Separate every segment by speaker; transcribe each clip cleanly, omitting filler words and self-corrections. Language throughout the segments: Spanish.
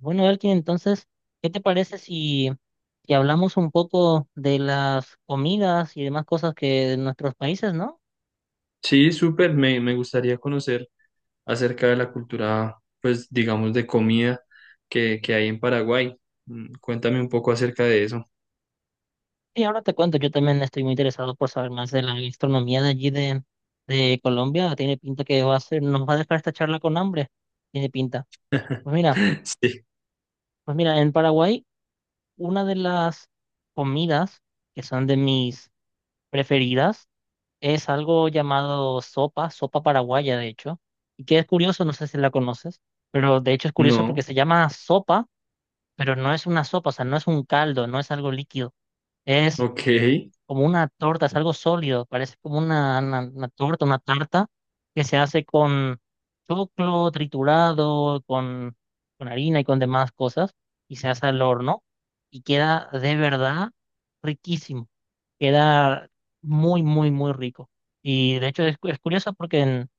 Speaker 1: Bueno, Elkin, entonces, ¿qué te parece si hablamos un poco de las comidas y demás cosas que de nuestros países, ¿no?
Speaker 2: Sí, súper, me gustaría conocer acerca de la cultura, pues digamos, de comida que hay en Paraguay. Cuéntame un poco acerca de eso.
Speaker 1: Y ahora te cuento, yo también estoy muy interesado por saber más de la gastronomía de Colombia. Tiene pinta que va a ser, nos va a dejar esta charla con hambre. Tiene pinta. Pues mira,
Speaker 2: Sí,
Speaker 1: pues mira, en Paraguay, una de las comidas que son de mis preferidas es algo llamado sopa paraguaya, de hecho, y que es curioso, no sé si la conoces, pero de hecho es curioso porque
Speaker 2: no,
Speaker 1: se llama sopa, pero no es una sopa, o sea, no es un caldo, no es algo líquido, es
Speaker 2: ok,
Speaker 1: como una torta, es algo sólido, parece como una torta, una tarta que se hace con choclo triturado, con harina y con demás cosas, y se hace al horno y queda de verdad riquísimo, queda muy, muy, muy rico. Y de hecho es, es curioso porque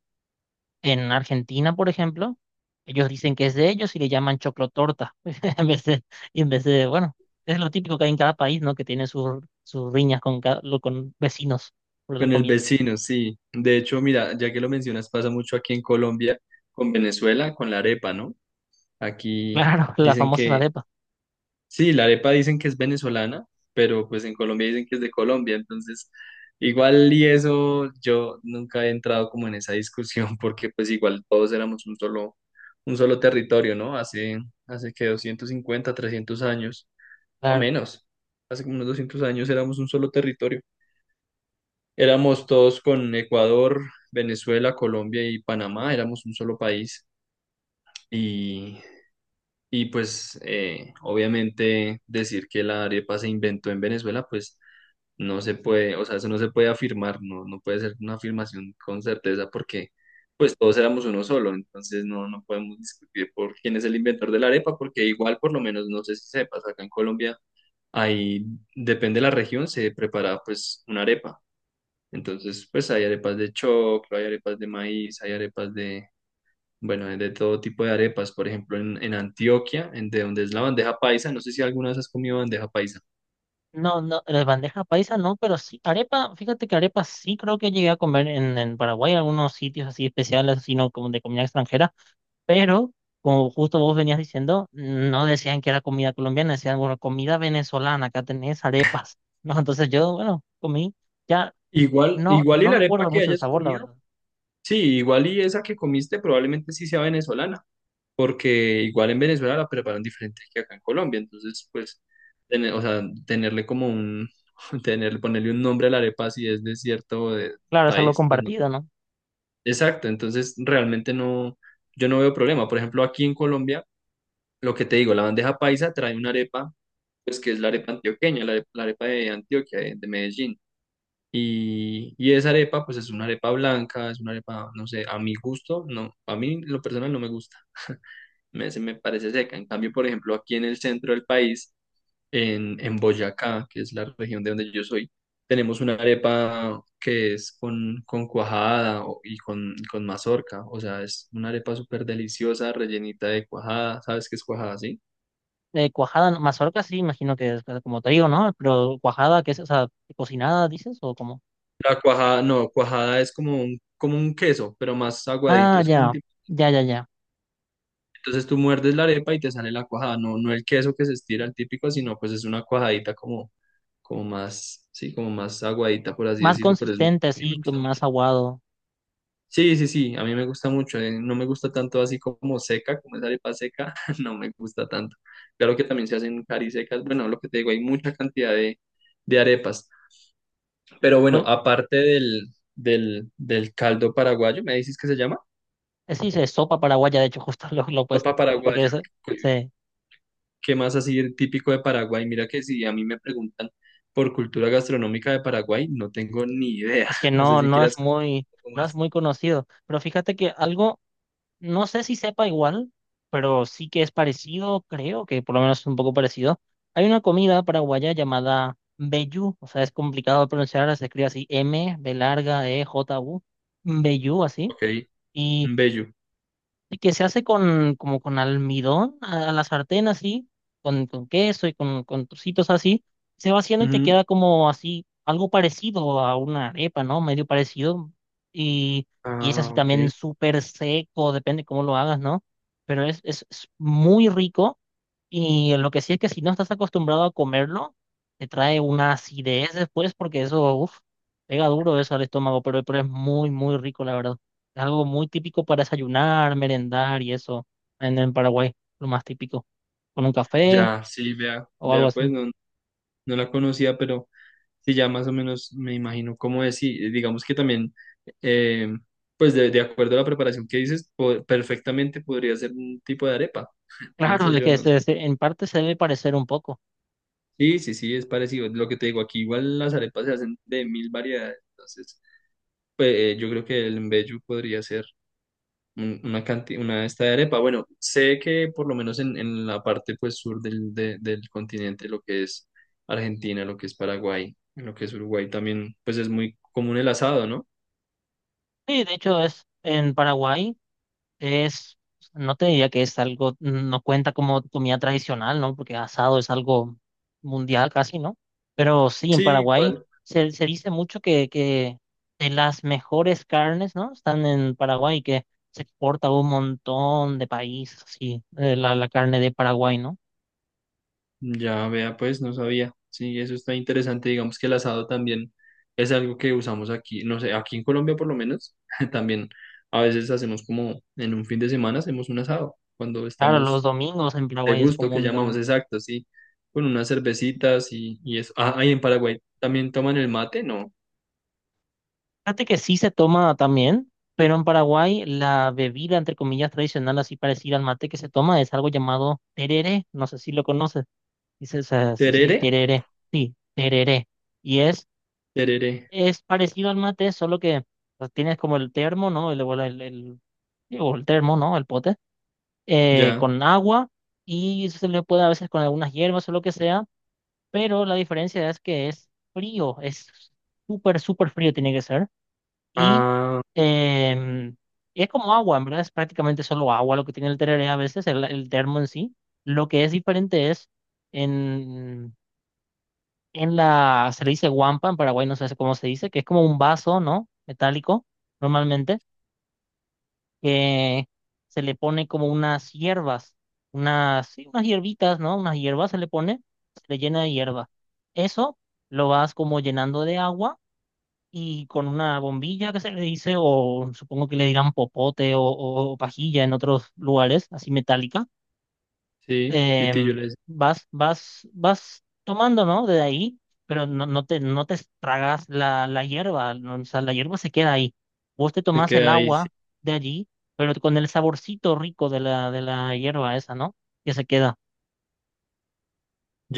Speaker 1: en Argentina, por ejemplo, ellos dicen que es de ellos y le llaman choclotorta. En vez de, en vez de, bueno, es lo típico que hay en cada país, ¿no? Que tiene sus, sus riñas con, con vecinos por las
Speaker 2: con el
Speaker 1: comidas.
Speaker 2: vecino, sí. De hecho, mira, ya que lo mencionas, pasa mucho aquí en Colombia, con Venezuela, con la arepa, ¿no? Aquí
Speaker 1: Claro, las
Speaker 2: dicen
Speaker 1: famosas
Speaker 2: que
Speaker 1: arepas,
Speaker 2: sí, la arepa dicen que es venezolana, pero pues en Colombia dicen que es de Colombia, entonces igual y eso yo nunca he entrado como en esa discusión porque pues igual todos éramos un solo territorio, ¿no? Hace que 250, 300 años, o
Speaker 1: claro.
Speaker 2: menos, hace como unos 200 años éramos un solo territorio. Éramos todos con Ecuador, Venezuela, Colombia y Panamá, éramos un solo país. Y y pues obviamente decir que la arepa se inventó en Venezuela, pues no se puede, o sea, eso no se puede afirmar, no, no puede ser una afirmación con certeza porque pues todos éramos uno solo, entonces no, no podemos discutir por quién es el inventor de la arepa, porque igual por lo menos no sé si sepas, acá en Colombia ahí depende de la región, se prepara pues una arepa. Entonces, pues hay arepas de choclo, hay arepas de maíz, hay arepas bueno, de todo tipo de arepas, por ejemplo, en Antioquia, en de donde es la bandeja paisa, no sé si alguna vez has comido bandeja paisa.
Speaker 1: No, no, las bandeja paisa no, pero sí, arepa, fíjate que arepa sí creo que llegué a comer en Paraguay, algunos sitios así especiales, sino como de comida extranjera. Pero, como justo vos venías diciendo, no decían que era comida colombiana, decían, bueno, comida venezolana, acá tenés arepas, ¿no? Entonces yo, bueno, comí, ya
Speaker 2: Igual,
Speaker 1: no,
Speaker 2: igual y
Speaker 1: no
Speaker 2: la arepa
Speaker 1: recuerdo
Speaker 2: que
Speaker 1: mucho el
Speaker 2: hayas
Speaker 1: sabor, la
Speaker 2: comido.
Speaker 1: verdad.
Speaker 2: Sí, igual y esa que comiste probablemente sí sea venezolana, porque igual en Venezuela la preparan diferente que acá en Colombia, entonces pues, tener- o sea, tenerle como un, tener, ponerle un nombre a la arepa si es de cierto
Speaker 1: Claro, es algo
Speaker 2: país, pues no.
Speaker 1: compartido, ¿no?
Speaker 2: Exacto, entonces realmente no, yo no veo problema. Por ejemplo, aquí en Colombia lo que te digo, la bandeja paisa trae una arepa, pues que es la arepa antioqueña, la, are- la arepa de Antioquia, de Medellín. Y esa arepa, pues es una arepa blanca, es una arepa, no sé, a mi gusto, no, a mí lo personal no me gusta, me, se me parece seca. En cambio, por ejemplo, aquí en el centro del país, en Boyacá, que es la región de donde yo soy, tenemos una arepa que es con cuajada o- y con mazorca, o sea, es una arepa súper deliciosa, rellenita de cuajada, ¿sabes qué es cuajada, sí?
Speaker 1: Cuajada, no- mazorca sí, imagino que es pues, como trigo, ¿no? Pero cuajada, qué es, o sea, cocinada, dices, o como,
Speaker 2: La cuajada, no, cuajada es como un queso, pero más aguadito,
Speaker 1: ah,
Speaker 2: es como un
Speaker 1: ya,
Speaker 2: tipo.
Speaker 1: ya, ya, ya.
Speaker 2: Entonces tú muerdes la arepa y te sale la cuajada, no, no el queso que se estira el típico, sino pues es una cuajadita como, como más, sí, como más aguadita, por así
Speaker 1: Más
Speaker 2: decirlo, pero es, muy- a
Speaker 1: consistente,
Speaker 2: mí me
Speaker 1: así, con
Speaker 2: gusta
Speaker 1: más
Speaker 2: mucho.
Speaker 1: aguado.
Speaker 2: Sí, sí, sí, a mí me gusta mucho, no me gusta tanto así como seca, como esa arepa seca, no me gusta tanto. Claro que también se hacen carisecas, bueno, lo que te digo, hay mucha cantidad de arepas. Pero bueno,
Speaker 1: Pues,
Speaker 2: aparte del, del caldo paraguayo, me dices que se llama.
Speaker 1: sí, se sopa paraguaya, de hecho, justo lo opuesto,
Speaker 2: Sopa
Speaker 1: porque
Speaker 2: paraguaya.
Speaker 1: es,
Speaker 2: ¿Qué
Speaker 1: sí.
Speaker 2: qué más así típico de Paraguay? Mira que si a mí me preguntan por cultura gastronómica de Paraguay, no tengo ni idea.
Speaker 1: Es que
Speaker 2: No sé
Speaker 1: no,
Speaker 2: si quieras un poco
Speaker 1: no es
Speaker 2: más.
Speaker 1: muy conocido. Pero fíjate que algo, no sé si sepa igual, pero sí que es parecido, creo que por lo menos es un poco parecido. Hay una comida paraguaya llamada mbejú, o sea, es complicado de pronunciar, se escribe así M, B larga, E, J, U, mbejú, así.
Speaker 2: Ok, un bello.
Speaker 1: Y que se hace con, como con almidón a la sartén así, con queso y con trocitos así, se va haciendo y te
Speaker 2: Ujú.
Speaker 1: queda como así, algo parecido a una arepa, ¿no? Medio parecido. Y, y es así
Speaker 2: Ah, ok.
Speaker 1: también súper seco, depende cómo lo hagas, ¿no? Pero es muy rico y lo que sí es que si no estás acostumbrado a comerlo, te trae una acidez después porque eso, uff, pega duro eso al estómago, pero es muy, muy rico, la verdad. Es algo muy típico para desayunar, merendar y eso en Paraguay, lo más típico, con un café
Speaker 2: Ya, sí, vea,
Speaker 1: o algo
Speaker 2: vea, pues
Speaker 1: así.
Speaker 2: no, no la conocía, pero sí, ya más o menos me imagino cómo es. Y digamos que también, eh, pues de acuerdo a la preparación que dices, po- perfectamente podría ser un tipo de arepa,
Speaker 1: Claro,
Speaker 2: pienso
Speaker 1: de
Speaker 2: yo,
Speaker 1: que
Speaker 2: no.
Speaker 1: en parte se debe parecer un poco.
Speaker 2: Sí, sí, sí, es parecido. Lo que te digo, aquí igual las arepas se hacen de mil variedades. Entonces, pues yo creo que el mbejú podría ser un- una canti- una de esta de arepa. Bueno, sé que por lo menos en la parte pues sur del, de- del continente, lo que es Argentina, lo que es Paraguay, lo que es Uruguay también, pues es muy común el asado, ¿no?
Speaker 1: Sí, de hecho es en Paraguay. Es, no te diría que es algo, no cuenta como comida tradicional, ¿no? Porque asado es algo mundial casi, ¿no? Pero sí, en
Speaker 2: Sí,
Speaker 1: Paraguay
Speaker 2: igual.
Speaker 1: se dice mucho que de las mejores carnes, ¿no? Están en Paraguay, que se exporta a un montón de países, sí, la, la carne de Paraguay, ¿no?
Speaker 2: Ya vea, pues no sabía. Sí, eso está interesante. Digamos que el asado también es algo que usamos aquí, no sé, aquí en Colombia por lo menos, también a veces hacemos como en un fin de semana hacemos un asado, cuando
Speaker 1: Claro, los
Speaker 2: estamos
Speaker 1: domingos en
Speaker 2: de
Speaker 1: Paraguay es
Speaker 2: gusto, que
Speaker 1: común
Speaker 2: llamamos
Speaker 1: también.
Speaker 2: exacto, sí, con unas cervecitas y eso. Ah, ahí en Paraguay también toman el mate, ¿no?
Speaker 1: Fíjate que sí se toma también, pero en Paraguay la bebida, entre comillas, tradicional, así parecida al mate que se toma, es algo llamado tereré. No sé si lo conoces. Dice, se dice así,
Speaker 2: Terere,
Speaker 1: tereré. Sí, tereré. Y
Speaker 2: terere,
Speaker 1: es parecido al mate, solo que pues, tienes como el termo, ¿no? Digo, el termo, ¿no? El pote,
Speaker 2: ya.
Speaker 1: con agua y se le puede a veces con algunas hierbas o lo que sea, pero la diferencia es que es frío, es súper, súper frío tiene que ser y
Speaker 2: Ah,
Speaker 1: em, es como agua, en verdad es prácticamente solo agua lo que tiene el tereré a veces, el termo en sí. Lo que es diferente es en, en la, se le dice guampa, en Paraguay no sé cómo se dice, que es como un vaso, ¿no? Metálico, normalmente, que se le pone como unas hierbas, unas, sí, unas hierbitas, ¿no? Unas hierbas se le pone, se le llena de hierba. Eso lo vas como llenando de agua y con una bombilla que se le dice, o supongo que le dirán popote o pajilla en otros lugares, así metálica,
Speaker 2: sí,
Speaker 1: em,
Speaker 2: pitillo les
Speaker 1: vas tomando, ¿no? De ahí, pero no, no te tragas la, la hierba, ¿no? O sea, la hierba se queda ahí. Vos te
Speaker 2: se
Speaker 1: tomás el
Speaker 2: queda ahí, sí.
Speaker 1: agua de allí, pero con el saborcito rico de de la hierba esa, ¿no? Que se queda.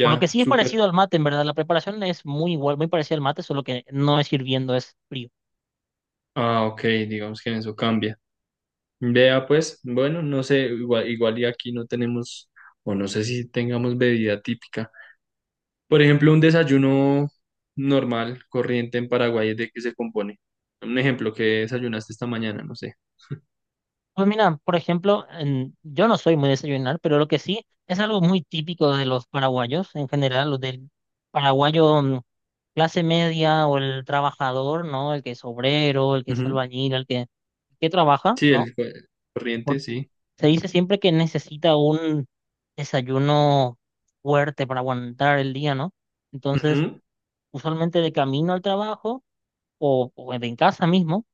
Speaker 1: Por lo que sí es
Speaker 2: súper.
Speaker 1: parecido al mate, en verdad. La preparación es muy igual, muy parecida al mate, solo que no es hirviendo, es frío.
Speaker 2: Ah, ok, digamos que en eso cambia. Vea pues, bueno, no sé, igual, igual y aquí no tenemos, o no sé si tengamos bebida típica. Por ejemplo, un desayuno normal, corriente en Paraguay, ¿de qué se compone? Un ejemplo, ¿que desayunaste esta mañana? No sé.
Speaker 1: Pues mira, por ejemplo, en- yo no soy muy de desayunar, pero lo que sí es algo muy típico de los paraguayos en general, los del paraguayo mm, clase media o el trabajador, ¿no? El que es obrero, el que es
Speaker 2: Ujú.
Speaker 1: albañil, el que trabaja,
Speaker 2: Sí,
Speaker 1: ¿no?
Speaker 2: el co- corriente,
Speaker 1: Porque
Speaker 2: sí.
Speaker 1: se dice siempre que necesita un desayuno fuerte para aguantar el día, ¿no? Entonces,
Speaker 2: Ujú.
Speaker 1: usualmente de camino al trabajo o en casa mismo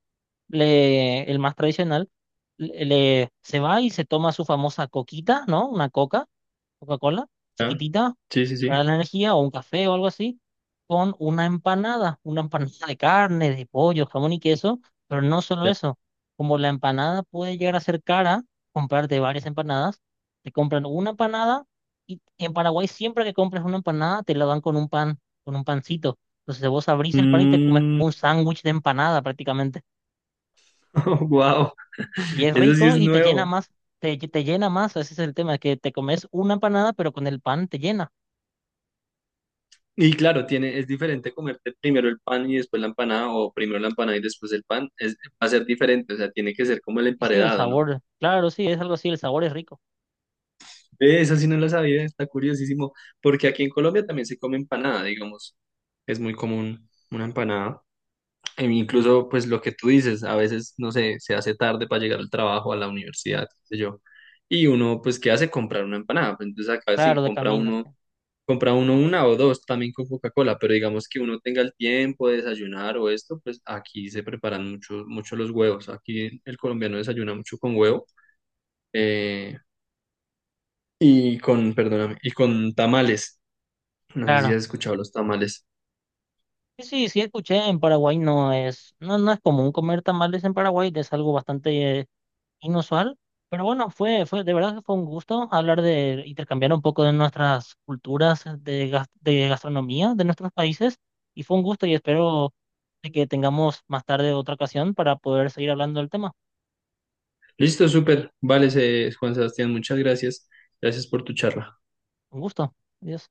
Speaker 1: le, el más tradicional, se va y se toma su famosa coquita, ¿no? Una coca, Coca-Cola,
Speaker 2: Ya.
Speaker 1: chiquitita,
Speaker 2: Sí, sí,
Speaker 1: para
Speaker 2: sí.
Speaker 1: la energía, o un café o algo así, con una empanada de carne, de pollo, jamón y queso, pero no solo
Speaker 2: Ya.
Speaker 1: eso, como la empanada puede llegar a ser cara, comprarte varias empanadas, te compran una empanada y en Paraguay siempre que compras una empanada te la dan con un pan, con un pancito. Entonces vos abrís el pan y te comes
Speaker 2: Mm,
Speaker 1: como un sándwich de empanada prácticamente.
Speaker 2: wow,
Speaker 1: Y es
Speaker 2: eso sí
Speaker 1: rico
Speaker 2: es
Speaker 1: y te llena
Speaker 2: nuevo.
Speaker 1: más, te llena más, ese es el tema, que te comes una empanada, pero con el pan te llena.
Speaker 2: Y claro, tiene, es diferente comerte primero el pan y después la empanada, o primero la empanada y después el pan, es, va a ser diferente, o sea, tiene que ser como el
Speaker 1: Y sí, el
Speaker 2: emparedado, ¿no?
Speaker 1: sabor, claro, sí, es algo así, el sabor es rico,
Speaker 2: Ve, eso sí no lo sabía, está curiosísimo, porque aquí en Colombia también se come empanada, digamos, es muy común una empanada, e incluso pues lo que tú dices, a veces, no sé, se hace tarde para llegar al trabajo, a la universidad, qué sé yo, y uno pues, ¿qué hace? Comprar una empanada, pues, entonces acá sí
Speaker 1: claro, de camino, sí,
Speaker 2: compra uno una o dos también con Coca-Cola, pero digamos que uno tenga el tiempo de desayunar o esto, pues aquí se preparan mucho, mucho los huevos. Aquí el colombiano desayuna mucho con huevo eh, y con, perdóname, y con tamales. No sé si
Speaker 1: claro.
Speaker 2: has escuchado los tamales.
Speaker 1: Sí, sí, sí, escuché, en Paraguay no es, no, no es común comer tamales en Paraguay, es algo bastante inusual, pero bueno, de verdad que fue un gusto hablar de, intercambiar un poco de nuestras culturas de, de gastronomía de nuestros países, y fue un gusto y espero de que tengamos más tarde otra ocasión para poder seguir hablando del tema.
Speaker 2: Listo, súper. Vale, se- Juan Sebastián, muchas gracias. Gracias por tu charla.
Speaker 1: Un gusto. Adiós.